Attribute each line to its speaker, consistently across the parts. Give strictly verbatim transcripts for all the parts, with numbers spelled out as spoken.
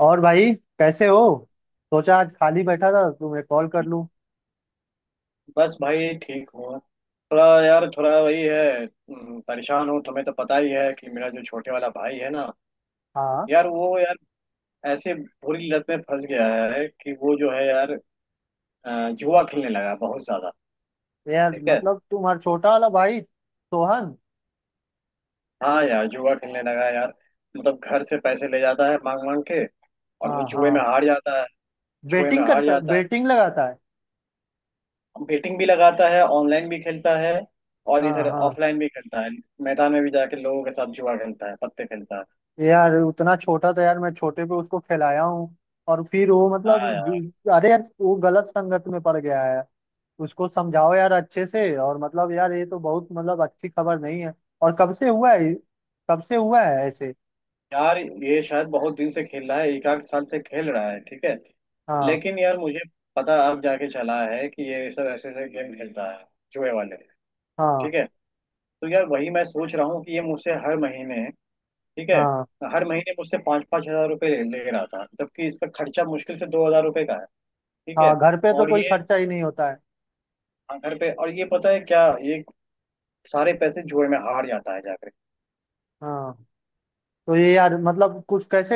Speaker 1: और भाई कैसे हो। सोचा आज खाली बैठा था तुम्हें कॉल कर लूं।
Speaker 2: बस भाई ठीक हूँ। थोड़ा यार, थोड़ा वही है, हम्म, परेशान हूँ। तुम्हें तो पता ही है कि मेरा जो छोटे वाला भाई है ना,
Speaker 1: हाँ।
Speaker 2: यार वो यार ऐसे बुरी लत में फंस गया है कि वो जो है यार, अ, जुआ खेलने लगा है बहुत ज्यादा।
Speaker 1: यार
Speaker 2: ठीक है।
Speaker 1: मतलब तुम्हारा छोटा वाला भाई सोहन।
Speaker 2: हाँ यार, जुआ खेलने लगा है यार। मतलब घर से पैसे ले जाता है मांग मांग के, और
Speaker 1: हाँ
Speaker 2: वो जुए में
Speaker 1: हाँ।
Speaker 2: हार जाता है। जुए में
Speaker 1: बेटिंग
Speaker 2: हार
Speaker 1: करता
Speaker 2: जाता है।
Speaker 1: बेटिंग लगाता है।
Speaker 2: बेटिंग भी लगाता है, ऑनलाइन भी खेलता है, और
Speaker 1: हाँ
Speaker 2: इधर
Speaker 1: हाँ।
Speaker 2: ऑफलाइन भी खेलता है। मैदान में भी जाके लोगों के साथ जुआ खेलता है, पत्ते खेलता है।
Speaker 1: यार उतना छोटा था यार मैं छोटे पे उसको खिलाया हूँ। और फिर वो मतलब
Speaker 2: हाँ
Speaker 1: अरे यार वो गलत संगत में पड़ गया है। उसको समझाओ यार अच्छे से। और मतलब यार ये तो बहुत मतलब अच्छी खबर नहीं है। और कब से हुआ है। कब से हुआ है ऐसे।
Speaker 2: यार, ये शायद बहुत दिन से खेल रहा है, एक आध साल से खेल रहा है। ठीक है।
Speaker 1: हाँ
Speaker 2: लेकिन यार मुझे पता अब जाके चला है कि ये सब ऐसे ऐसे गेम खेलता है, जुए वाले। ठीक
Speaker 1: हाँ।
Speaker 2: है। तो यार वही मैं सोच रहा हूँ कि ये मुझसे हर महीने, ठीक है,
Speaker 1: हाँ
Speaker 2: हर महीने मुझसे पाँच पाँच हजार रुपये ले ले रहा था, जबकि इसका खर्चा मुश्किल से दो हजार रुपये का है। ठीक है।
Speaker 1: हाँ। घर पे तो
Speaker 2: और
Speaker 1: कोई
Speaker 2: ये
Speaker 1: खर्चा ही नहीं होता है।
Speaker 2: हाँ, घर पे, और ये पता है क्या, ये सारे पैसे जुए में हार जाता है जाकर।
Speaker 1: हाँ। तो ये यार मतलब कुछ कैसे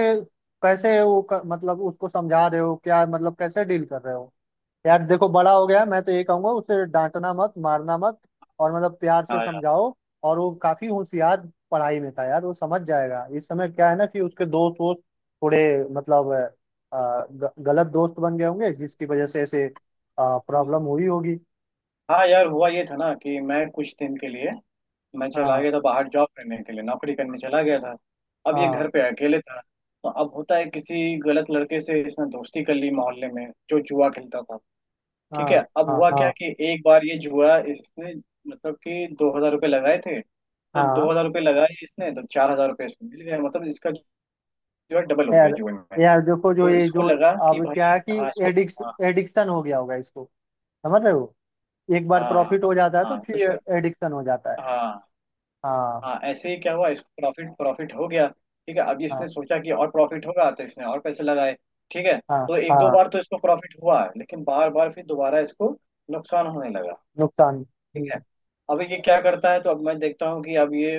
Speaker 1: कैसे वो क- मतलब उसको समझा रहे हो क्या। मतलब कैसे डील कर रहे हो। यार देखो बड़ा हो गया। मैं तो ये कहूंगा उसे डांटना मत मारना मत। और मतलब प्यार से
Speaker 2: हाँ यार।
Speaker 1: समझाओ। और वो काफी होशियार पढ़ाई में था यार। वो समझ जाएगा। इस समय क्या है ना कि उसके दोस्त वोस्त थोड़े मतलब अ, ग- गलत दोस्त बन गए होंगे जिसकी वजह से ऐसे प्रॉब्लम हुई होगी।
Speaker 2: हाँ यार, हुआ ये था ना कि मैं कुछ दिन के लिए मैं चला
Speaker 1: हाँ
Speaker 2: गया था बाहर, जॉब करने के लिए नौकरी करने चला गया था। अब ये
Speaker 1: हाँ।
Speaker 2: घर पे अकेले था, तो अब होता है, किसी गलत लड़के से इसने दोस्ती कर ली मोहल्ले में, जो जुआ खेलता था। ठीक है।
Speaker 1: हाँ
Speaker 2: अब
Speaker 1: हाँ।
Speaker 2: हुआ क्या
Speaker 1: हाँ
Speaker 2: कि एक बार ये जुआ इसने, मतलब कि दो हजार रुपये लगाए थे, तो
Speaker 1: हाँ।
Speaker 2: दो हजार रुपये लगाए इसने तो चार हजार रुपये इसको मिल गया, मतलब इसका जो है डबल हो गया
Speaker 1: यार।
Speaker 2: जुए में।
Speaker 1: यार देखो जो
Speaker 2: तो
Speaker 1: ये
Speaker 2: इसको
Speaker 1: जो
Speaker 2: लगा कि
Speaker 1: अब क्या है
Speaker 2: भाई,
Speaker 1: कि
Speaker 2: हाँ, इसको
Speaker 1: एडिक्स
Speaker 2: हाँ।
Speaker 1: एडिक्शन हो गया होगा इसको। समझ रहे हो। एक बार
Speaker 2: हाँ। हाँ।
Speaker 1: प्रॉफिट हो जाता है तो
Speaker 2: हाँ तो शु-
Speaker 1: फिर एडिक्शन हो जाता है।
Speaker 2: हाँ।
Speaker 1: हाँ
Speaker 2: हाँ ऐसे ही क्या हुआ, इसको प्रॉफिट प्रॉफिट हो गया। ठीक है। अब
Speaker 1: हाँ।
Speaker 2: इसने सोचा कि और प्रॉफिट होगा, तो इसने और पैसे लगाए। ठीक है।
Speaker 1: हाँ
Speaker 2: तो एक दो
Speaker 1: हाँ।
Speaker 2: बार तो इसको प्रॉफिट हुआ है, लेकिन बार बार फिर दोबारा इसको नुकसान होने लगा।
Speaker 1: नुकसान।
Speaker 2: ठीक है।
Speaker 1: हम्म।
Speaker 2: अब ये क्या करता है, तो अब मैं देखता हूँ कि अब ये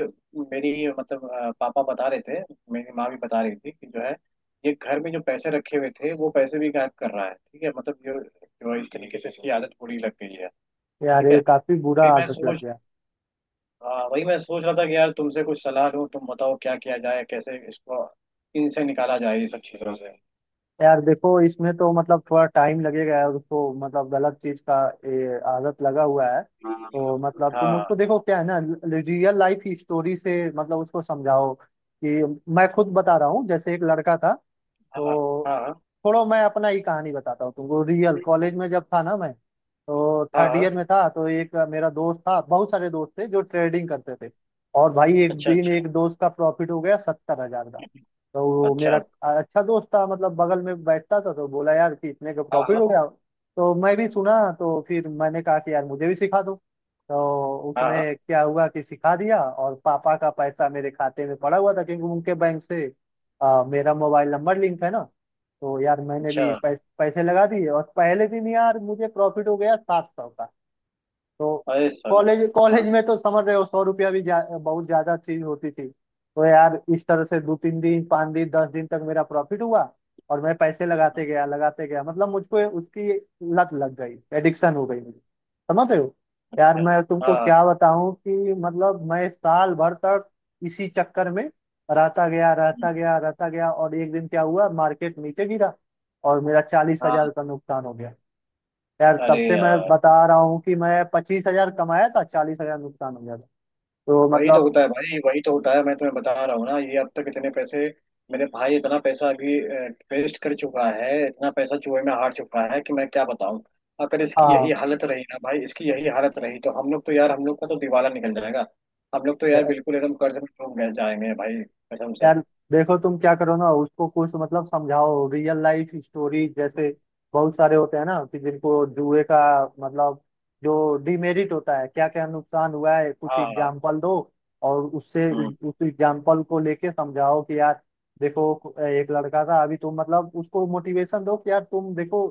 Speaker 2: मेरी, मतलब अ, पापा बता रहे थे, मेरी माँ भी बता रही थी कि जो है, ये घर में जो पैसे रखे हुए थे वो पैसे भी गायब कर रहा है। ठीक है। मतलब ये जो है, इस तरीके से इसकी आदत बुरी लग गई है।
Speaker 1: यार
Speaker 2: ठीक
Speaker 1: ये
Speaker 2: है।
Speaker 1: काफी बुरा
Speaker 2: फिर मैं
Speaker 1: आदत लग
Speaker 2: सोच,
Speaker 1: गया।
Speaker 2: हाँ वही मैं सोच रहा था कि यार तुमसे कुछ सलाह लूँ, तुम बताओ क्या किया जाए, कैसे इसको इनसे निकाला जाए ये सब चीज़ों से।
Speaker 1: यार देखो इसमें तो मतलब थोड़ा टाइम लगेगा यार उसको मतलब गलत चीज का ये आदत लगा हुआ है।
Speaker 2: हाँ।
Speaker 1: तो मतलब तुम
Speaker 2: हाँ।
Speaker 1: उसको देखो क्या है ना। रियल लाइफ स्टोरी से मतलब उसको समझाओ कि मैं खुद बता रहा हूँ जैसे एक लड़का था।
Speaker 2: हाँ। हाँ।
Speaker 1: तो
Speaker 2: हाँ।
Speaker 1: छोड़ो मैं अपना ही कहानी बताता हूँ तुमको रियल। कॉलेज में जब था ना मैं तो
Speaker 2: हाँ।
Speaker 1: थर्ड
Speaker 2: हाँ,
Speaker 1: ईयर में था। तो एक मेरा दोस्त था बहुत सारे दोस्त थे जो ट्रेडिंग करते थे। और भाई एक
Speaker 2: अच्छा।
Speaker 1: दिन
Speaker 2: अच्छा।
Speaker 1: एक दोस्त का प्रॉफिट हो गया सत्तर हजार का। तो वो मेरा
Speaker 2: अच्छा।
Speaker 1: अच्छा दोस्त था मतलब बगल में बैठता था। तो बोला यार कि इतने का
Speaker 2: हाँ।
Speaker 1: प्रॉफिट हो
Speaker 2: हाँ।
Speaker 1: गया। तो मैं भी सुना तो फिर मैंने कहा कि यार मुझे भी सिखा दो। तो
Speaker 2: हाँ।
Speaker 1: उसने
Speaker 2: हाँ।
Speaker 1: क्या हुआ कि सिखा दिया। और पापा का पैसा मेरे खाते में पड़ा हुआ था क्योंकि उनके बैंक से आ, मेरा मोबाइल नंबर लिंक है ना। तो यार मैंने
Speaker 2: अच्छा।
Speaker 1: भी पैस, पैसे लगा दिए और पहले दिन यार मुझे प्रॉफिट हो गया सात सौ का। तो
Speaker 2: अरे साला।
Speaker 1: कॉलेज
Speaker 2: हाँ।
Speaker 1: कॉलेज में तो समझ रहे हो सौ रुपया भी जा, बहुत ज्यादा चीज होती थी। तो यार इस तरह से दो तीन दिन पाँच दिन दस दिन तक मेरा प्रॉफिट हुआ। और मैं पैसे लगाते गया लगाते गया मतलब मुझको उसकी लत लग गई एडिक्शन हो गई मुझे। समझ रहे हो। यार
Speaker 2: अच्छा।
Speaker 1: मैं तुमको
Speaker 2: हाँ।
Speaker 1: क्या बताऊं कि मतलब मैं साल भर तक इसी चक्कर में रहता गया
Speaker 2: हम्म,
Speaker 1: रहता गया रहता गया। और एक दिन क्या हुआ मार्केट नीचे गिरा और मेरा चालीस
Speaker 2: हाँ।
Speaker 1: हजार का नुकसान हो गया। यार तब
Speaker 2: अरे
Speaker 1: से मैं
Speaker 2: यार,
Speaker 1: बता रहा हूँ कि मैं पच्चीस हजार कमाया था चालीस हजार नुकसान हो गया था। तो
Speaker 2: वही तो
Speaker 1: मतलब।
Speaker 2: होता है भाई, वही तो होता है। मैं तुम्हें बता रहा हूँ ना, ये अब तक इतने पैसे, मेरे भाई इतना पैसा अभी वेस्ट कर चुका है, इतना पैसा चूहे में हार चुका है कि मैं क्या बताऊँ। अगर इसकी
Speaker 1: हाँ।
Speaker 2: यही हालत रही ना भाई, इसकी यही हालत रही तो हम लोग तो यार, हम लोग का तो दिवाला निकल जाएगा। हम लोग तो यार
Speaker 1: या-
Speaker 2: बिल्कुल एकदम कर्ज में डूब गए जाएंगे भाई, कसम से।
Speaker 1: यार देखो तुम क्या करो ना। उसको कुछ मतलब समझाओ रियल लाइफ स्टोरी जैसे बहुत सारे होते हैं ना कि जिनको जुए का मतलब जो डिमेरिट होता है। क्या क्या नुकसान हुआ है कुछ
Speaker 2: हाँ। हाँ।
Speaker 1: एग्जाम्पल दो। और उससे
Speaker 2: हम्म,
Speaker 1: उस एग्जाम्पल को लेके समझाओ कि यार देखो एक लड़का था। अभी तुम मतलब उसको मोटिवेशन दो कि यार तुम देखो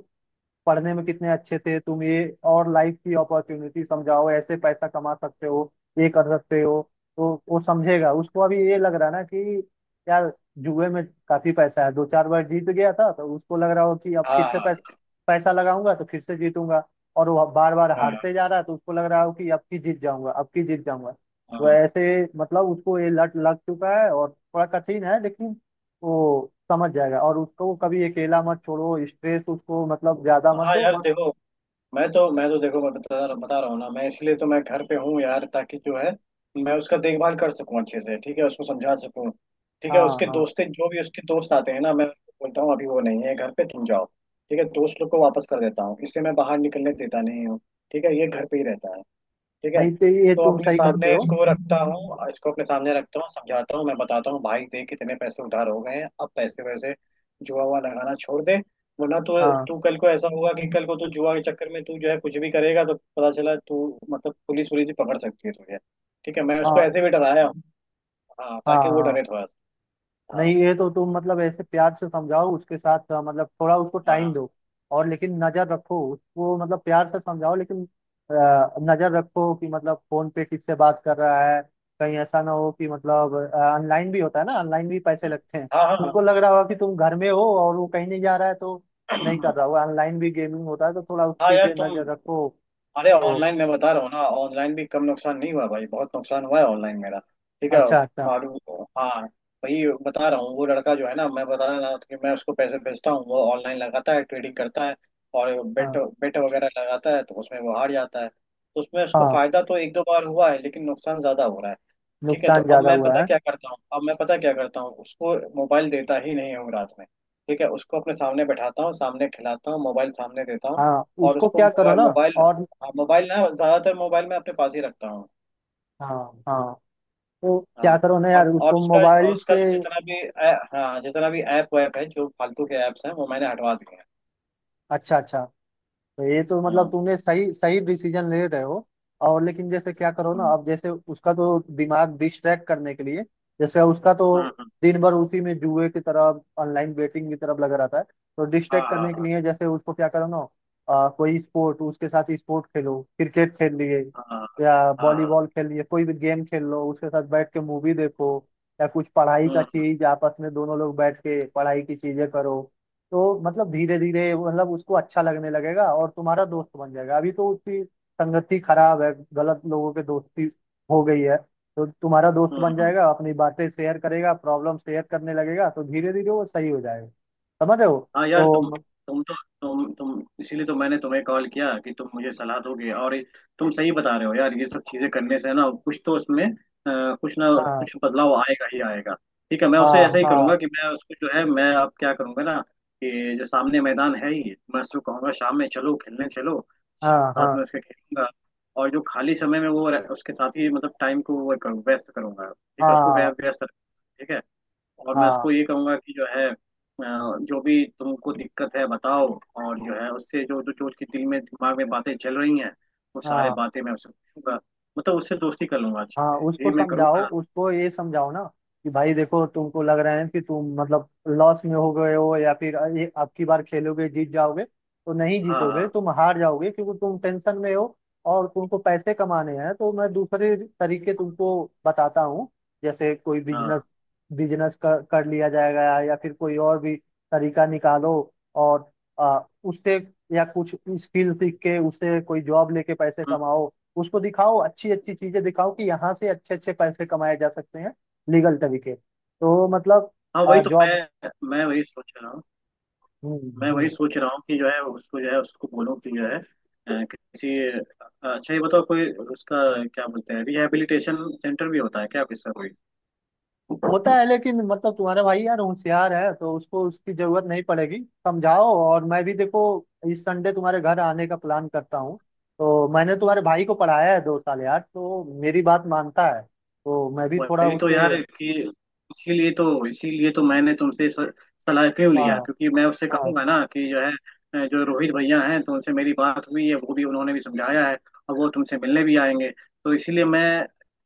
Speaker 1: पढ़ने में कितने अच्छे थे तुम ये। और लाइफ की अपॉर्चुनिटी समझाओ ऐसे पैसा कमा सकते हो ये कर सकते हो। तो वो समझेगा। उसको अभी ये लग रहा है ना कि यार जुए में काफी पैसा है दो चार बार जीत गया था तो उसको लग रहा हो कि अब
Speaker 2: हाँ।
Speaker 1: फिर से
Speaker 2: हाँ।
Speaker 1: पैसा पैसा लगाऊंगा तो फिर से जीतूंगा। और वो बार बार
Speaker 2: हाँ।
Speaker 1: हारते जा रहा है तो उसको लग रहा हो कि अब की जीत जाऊंगा अब की जीत जाऊंगा। तो
Speaker 2: हाँ।
Speaker 1: ऐसे मतलब उसको ये लत लग चुका है और थोड़ा कठिन है लेकिन वो समझ जाएगा। और उसको कभी अकेला मत छोड़ो स्ट्रेस उसको मतलब ज्यादा मत
Speaker 2: हाँ
Speaker 1: दो
Speaker 2: यार
Speaker 1: बस।
Speaker 2: देखो, मैं तो मैं तो देखो, मैं बता बता रहा हूँ ना, मैं इसलिए तो मैं घर पे हूँ यार, ताकि जो है मैं उसका देखभाल कर सकूँ अच्छे से। ठीक है, उसको समझा सकूँ। ठीक है।
Speaker 1: हाँ
Speaker 2: उसके
Speaker 1: हाँ।
Speaker 2: दोस्तें जो भी उसके दोस्त आते हैं ना, मैं उनको बोलता हूँ अभी वो नहीं है घर पे, तुम जाओ। ठीक है। दोस्त लोग को वापस कर देता हूँ, इससे मैं बाहर निकलने देता नहीं हूँ। ठीक है, ये घर पे ही रहता है। ठीक है।
Speaker 1: नहीं तो ये
Speaker 2: तो
Speaker 1: तुम
Speaker 2: अपने
Speaker 1: सही करते
Speaker 2: सामने
Speaker 1: हो।
Speaker 2: इसको रखता हूँ, इसको अपने सामने रखता हूँ, समझाता हूँ, मैं बताता हूँ भाई देख कितने पैसे उधार हो गए हैं, अब पैसे वैसे जुआ हुआ लगाना छोड़ दे। वरना तो
Speaker 1: हाँ
Speaker 2: तू कल को ऐसा होगा कि कल को तू जुआ के चक्कर में तू जो है कुछ भी करेगा, तो पता चला तू, मतलब पुलिस पुलिस भी पकड़ सकती है तुझे। ठीक है, मैं उसको
Speaker 1: हाँ।
Speaker 2: ऐसे भी डराया हूँ, हाँ,
Speaker 1: हाँ
Speaker 2: ताकि वो
Speaker 1: हाँ।
Speaker 2: डरे थोड़ा सा। हाँ।
Speaker 1: नहीं ये तो तुम मतलब ऐसे प्यार से समझाओ उसके साथ अ, मतलब थोड़ा उसको
Speaker 2: हाँ।
Speaker 1: टाइम दो। और लेकिन नजर रखो उसको मतलब प्यार से समझाओ लेकिन अ, नजर रखो कि मतलब फोन पे किससे बात कर रहा है। कहीं ऐसा ना हो कि मतलब ऑनलाइन भी होता है ना ऑनलाइन भी पैसे लगते हैं।
Speaker 2: हाँ। हाँ।
Speaker 1: तुमको लग रहा होगा कि तुम घर में हो और वो कहीं नहीं जा रहा है तो नहीं
Speaker 2: हाँ।
Speaker 1: कर रहा होगा। ऑनलाइन भी गेमिंग होता है तो थोड़ा
Speaker 2: हाँ
Speaker 1: उसके
Speaker 2: यार
Speaker 1: पे
Speaker 2: तुम,
Speaker 1: नजर रखो।
Speaker 2: अरे
Speaker 1: तो
Speaker 2: ऑनलाइन, मैं बता रहा हूँ ना, ऑनलाइन भी कम नुकसान नहीं हुआ भाई, बहुत नुकसान हुआ है ऑनलाइन मेरा। ठीक है।
Speaker 1: अच्छा अच्छा।
Speaker 2: और हाँ भाई, बता रहा हूँ, वो लड़का जो है ना, मैं बता रहा था कि मैं उसको पैसे भेजता हूँ, वो ऑनलाइन लगाता है, ट्रेडिंग करता है, और बेट
Speaker 1: हाँ
Speaker 2: बेट वगैरह लगाता है, तो उसमें वो हार जाता है। तो उसमें उसको
Speaker 1: हाँ।
Speaker 2: फायदा तो एक दो बार हुआ है, लेकिन नुकसान ज्यादा हो रहा है। ठीक है। तो
Speaker 1: नुकसान
Speaker 2: अब
Speaker 1: ज्यादा
Speaker 2: मैं
Speaker 1: हुआ
Speaker 2: पता
Speaker 1: है।
Speaker 2: क्या करता हूँ, अब मैं पता क्या करता हूँ, उसको मोबाइल देता ही नहीं हूँ रात में। ठीक है, उसको अपने सामने बैठाता हूँ, सामने खिलाता हूँ, मोबाइल सामने देता हूँ।
Speaker 1: हाँ
Speaker 2: और
Speaker 1: उसको
Speaker 2: उसको
Speaker 1: क्या करो
Speaker 2: मोबाइल
Speaker 1: ना।
Speaker 2: मोबाइल
Speaker 1: और
Speaker 2: हाँ मोबाइल ना ज्यादातर मोबाइल मैं अपने पास ही रखता हूँ।
Speaker 1: हाँ हाँ। तो क्या
Speaker 2: हाँ।
Speaker 1: करो ना
Speaker 2: और
Speaker 1: यार
Speaker 2: और
Speaker 1: उसको
Speaker 2: उसका, और
Speaker 1: मोबाइल
Speaker 2: उसका
Speaker 1: से।
Speaker 2: जो जितना भी ऐ- हाँ जितना भी ऐप वैप है, जो फालतू के ऐप्स हैं वो मैंने हटवा दिए हैं।
Speaker 1: अच्छा अच्छा। तो ये तो मतलब
Speaker 2: हाँ।
Speaker 1: तुमने सही सही डिसीजन ले रहे हो। और लेकिन जैसे क्या करो ना
Speaker 2: हाँ।
Speaker 1: अब जैसे उसका तो दिमाग डिस्ट्रैक्ट करने के लिए जैसे उसका तो
Speaker 2: हाँ।
Speaker 1: दिन भर उसी में जुए की तरफ ऑनलाइन बेटिंग की तरफ लगा रहता है। तो
Speaker 2: हाँ।
Speaker 1: डिस्ट्रैक्ट
Speaker 2: हाँ।
Speaker 1: करने के
Speaker 2: हाँ।
Speaker 1: लिए जैसे उसको क्या करो ना आ, कोई स्पोर्ट उसके साथ स्पोर्ट खेलो क्रिकेट खेल लिए
Speaker 2: हाँ। हाँ।
Speaker 1: या
Speaker 2: हाँ।
Speaker 1: वॉलीबॉल खेल लिए कोई भी गेम खेल लो। उसके साथ बैठ के मूवी देखो या कुछ पढ़ाई
Speaker 2: हाँ।
Speaker 1: का
Speaker 2: हाँ।
Speaker 1: चीज आपस में दोनों लोग बैठ के पढ़ाई की चीजें करो। तो मतलब धीरे धीरे मतलब उसको अच्छा लगने लगेगा और तुम्हारा दोस्त बन जाएगा। अभी तो उसकी संगति खराब है गलत लोगों के दोस्ती हो गई है। तो तुम्हारा दोस्त
Speaker 2: हाँ।
Speaker 1: बन
Speaker 2: हाँ।
Speaker 1: जाएगा अपनी बातें शेयर करेगा प्रॉब्लम शेयर करने लगेगा तो धीरे धीरे वो सही हो जाएगा। समझ रहे हो।
Speaker 2: हाँ यार तुम,
Speaker 1: तो
Speaker 2: तुम तो तुम तुम इसीलिए तो मैंने तुम्हें कॉल किया कि तुम मुझे सलाह दोगे। और ये- तुम सही बता रहे हो यार, ये सब चीजें करने से ना कुछ तो उसमें अ, कुछ ना
Speaker 1: हाँ
Speaker 2: कुछ बदलाव आएगा ही आएगा। ठीक है, मैं उसे
Speaker 1: हाँ
Speaker 2: ऐसा ही
Speaker 1: हाँ
Speaker 2: करूंगा कि मैं उसको जो है, मैं अब क्या करूंगा ना, कि जो सामने मैदान है ही, मैं उसको कहूंगा शाम में चलो खेलने चलो,
Speaker 1: हाँ
Speaker 2: साथ
Speaker 1: हाँ
Speaker 2: में उसके खेलूंगा। और जो खाली समय में वो रह- उसके साथ ही मतलब टाइम को वो करूँ, व्यस्त करूंगा। ठीक है, उसको व्य-
Speaker 1: हाँ
Speaker 2: व्यस्त रखूंगा, ठीक है। और मैं
Speaker 1: हाँ
Speaker 2: उसको ये कहूंगा कि जो है, अ, जो भी तुमको दिक्कत है बताओ। और जो है उससे, जो जो जो उसके दिल में, दिमाग में बातें चल रही हैं, वो सारे
Speaker 1: हाँ
Speaker 2: बातें मैं उससे पूछूंगा। मतलब उससे दोस्ती कर लूंगा अच्छे
Speaker 1: हाँ।
Speaker 2: से,
Speaker 1: उसको
Speaker 2: यही मैं
Speaker 1: समझाओ
Speaker 2: करूंगा।
Speaker 1: उसको ये समझाओ ना कि भाई देखो तुमको लग रहा है कि तुम मतलब लॉस में हो गए हो या फिर ये अब की बार खेलोगे जीत जाओगे तो नहीं
Speaker 2: हाँ।
Speaker 1: जीतोगे
Speaker 2: हाँ।
Speaker 1: तुम हार जाओगे क्योंकि तुम टेंशन में हो। और तुमको पैसे कमाने हैं तो मैं दूसरे तरीके तुमको बताता हूँ। जैसे कोई बिजनेस
Speaker 2: हाँ।
Speaker 1: बिजनेस कर, कर लिया जाएगा या फिर कोई और भी तरीका निकालो। और आ, उससे या कुछ स्किल सीख के उससे कोई जॉब लेके पैसे
Speaker 2: हम्म,
Speaker 1: कमाओ। उसको दिखाओ अच्छी अच्छी चीजें दिखाओ कि यहाँ से अच्छे अच्छे पैसे कमाए जा सकते हैं लीगल तरीके। तो मतलब
Speaker 2: हाँ वही तो
Speaker 1: जॉब।
Speaker 2: मैं मैं वही सोच रहा हूँ।
Speaker 1: हम्म
Speaker 2: मैं वही
Speaker 1: हम्म
Speaker 2: सोच रहा हूँ कि जो है उसको, जो है उसको बोलूँ कि जो है, अ, किसी अच्छा ये बताओ, कोई उसका क्या बोलते हैं, रिहैबिलिटेशन सेंटर भी होता है क्या किसका।
Speaker 1: होता है लेकिन मतलब तुम्हारा भाई यार होशियार है तो उसको उसकी जरूरत नहीं पड़ेगी। समझाओ और मैं भी देखो इस संडे तुम्हारे घर आने का प्लान करता हूँ। तो मैंने तुम्हारे भाई को पढ़ाया है दो साल यार तो मेरी बात मानता है। तो मैं भी थोड़ा
Speaker 2: वही तो
Speaker 1: उससे।
Speaker 2: यार कि, इसीलिए तो इसीलिए तो मैंने तुमसे स- सलाह क्यों लिया,
Speaker 1: हाँ
Speaker 2: क्योंकि मैं उससे
Speaker 1: हाँ।
Speaker 2: कहूंगा ना कि जो है, अ, जो रोहित भैया हैं, तो उनसे मेरी बात हुई है, वो भी, उन्होंने भी समझाया है, और वो तुमसे मिलने भी आएंगे। तो इसीलिए मैं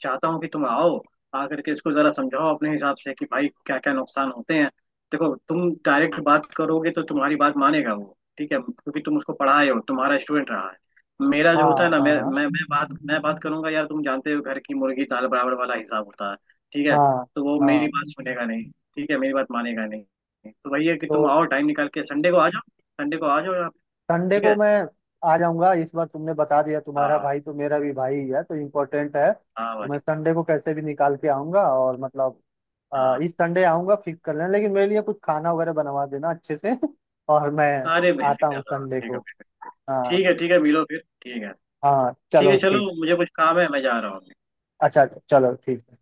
Speaker 2: चाहता हूँ कि तुम आओ, आकर के इसको जरा समझाओ अपने हिसाब से कि भाई क्या क्या नुकसान होते हैं। देखो तुम डायरेक्ट बात करोगे तो तुम्हारी बात मानेगा वो। ठीक है, क्योंकि तुम उसको पढ़ाए हो, तुम्हारा स्टूडेंट रहा है। मेरा जो होता है
Speaker 1: हाँ
Speaker 2: ना मेरा,
Speaker 1: हाँ।
Speaker 2: मैं मैं बात, मैं बात करूंगा यार, तुम जानते हो घर की मुर्गी दाल बराबर वाला हिसाब होता है। ठीक है,
Speaker 1: हाँ
Speaker 2: तो वो मेरी
Speaker 1: हाँ।
Speaker 2: बात सुनेगा नहीं। ठीक है, मेरी बात मानेगा नहीं, तो वही है कि तुम
Speaker 1: तो
Speaker 2: आओ, टाइम निकाल के संडे को आ जाओ। संडे को आ जाओ आप,
Speaker 1: संडे
Speaker 2: ठीक
Speaker 1: को
Speaker 2: है।
Speaker 1: मैं आ जाऊंगा। इस बार तुमने बता दिया तुम्हारा
Speaker 2: हाँ।
Speaker 1: भाई तो मेरा भी भाई ही है तो इम्पोर्टेंट है।
Speaker 2: हाँ
Speaker 1: तो मैं
Speaker 2: भाई।
Speaker 1: संडे को कैसे भी निकाल के आऊंगा और मतलब अ,
Speaker 2: हाँ।
Speaker 1: इस संडे आऊंगा फिक्स कर लेना लेकिन मेरे लिए कुछ खाना वगैरह बनवा देना अच्छे से। और मैं
Speaker 2: अरे
Speaker 1: आता
Speaker 2: बेफिक्र
Speaker 1: हूँ
Speaker 2: रहो,
Speaker 1: संडे
Speaker 2: ठीक
Speaker 1: को।
Speaker 2: है। ठीक
Speaker 1: हाँ।
Speaker 2: है, ठीक है, मिलो फिर, ठीक है।
Speaker 1: हाँ
Speaker 2: ठीक
Speaker 1: चलो
Speaker 2: है चलो,
Speaker 1: ठीक।
Speaker 2: मुझे कुछ काम है, मैं जा रहा हूँ।
Speaker 1: अच्छा चलो ठीक।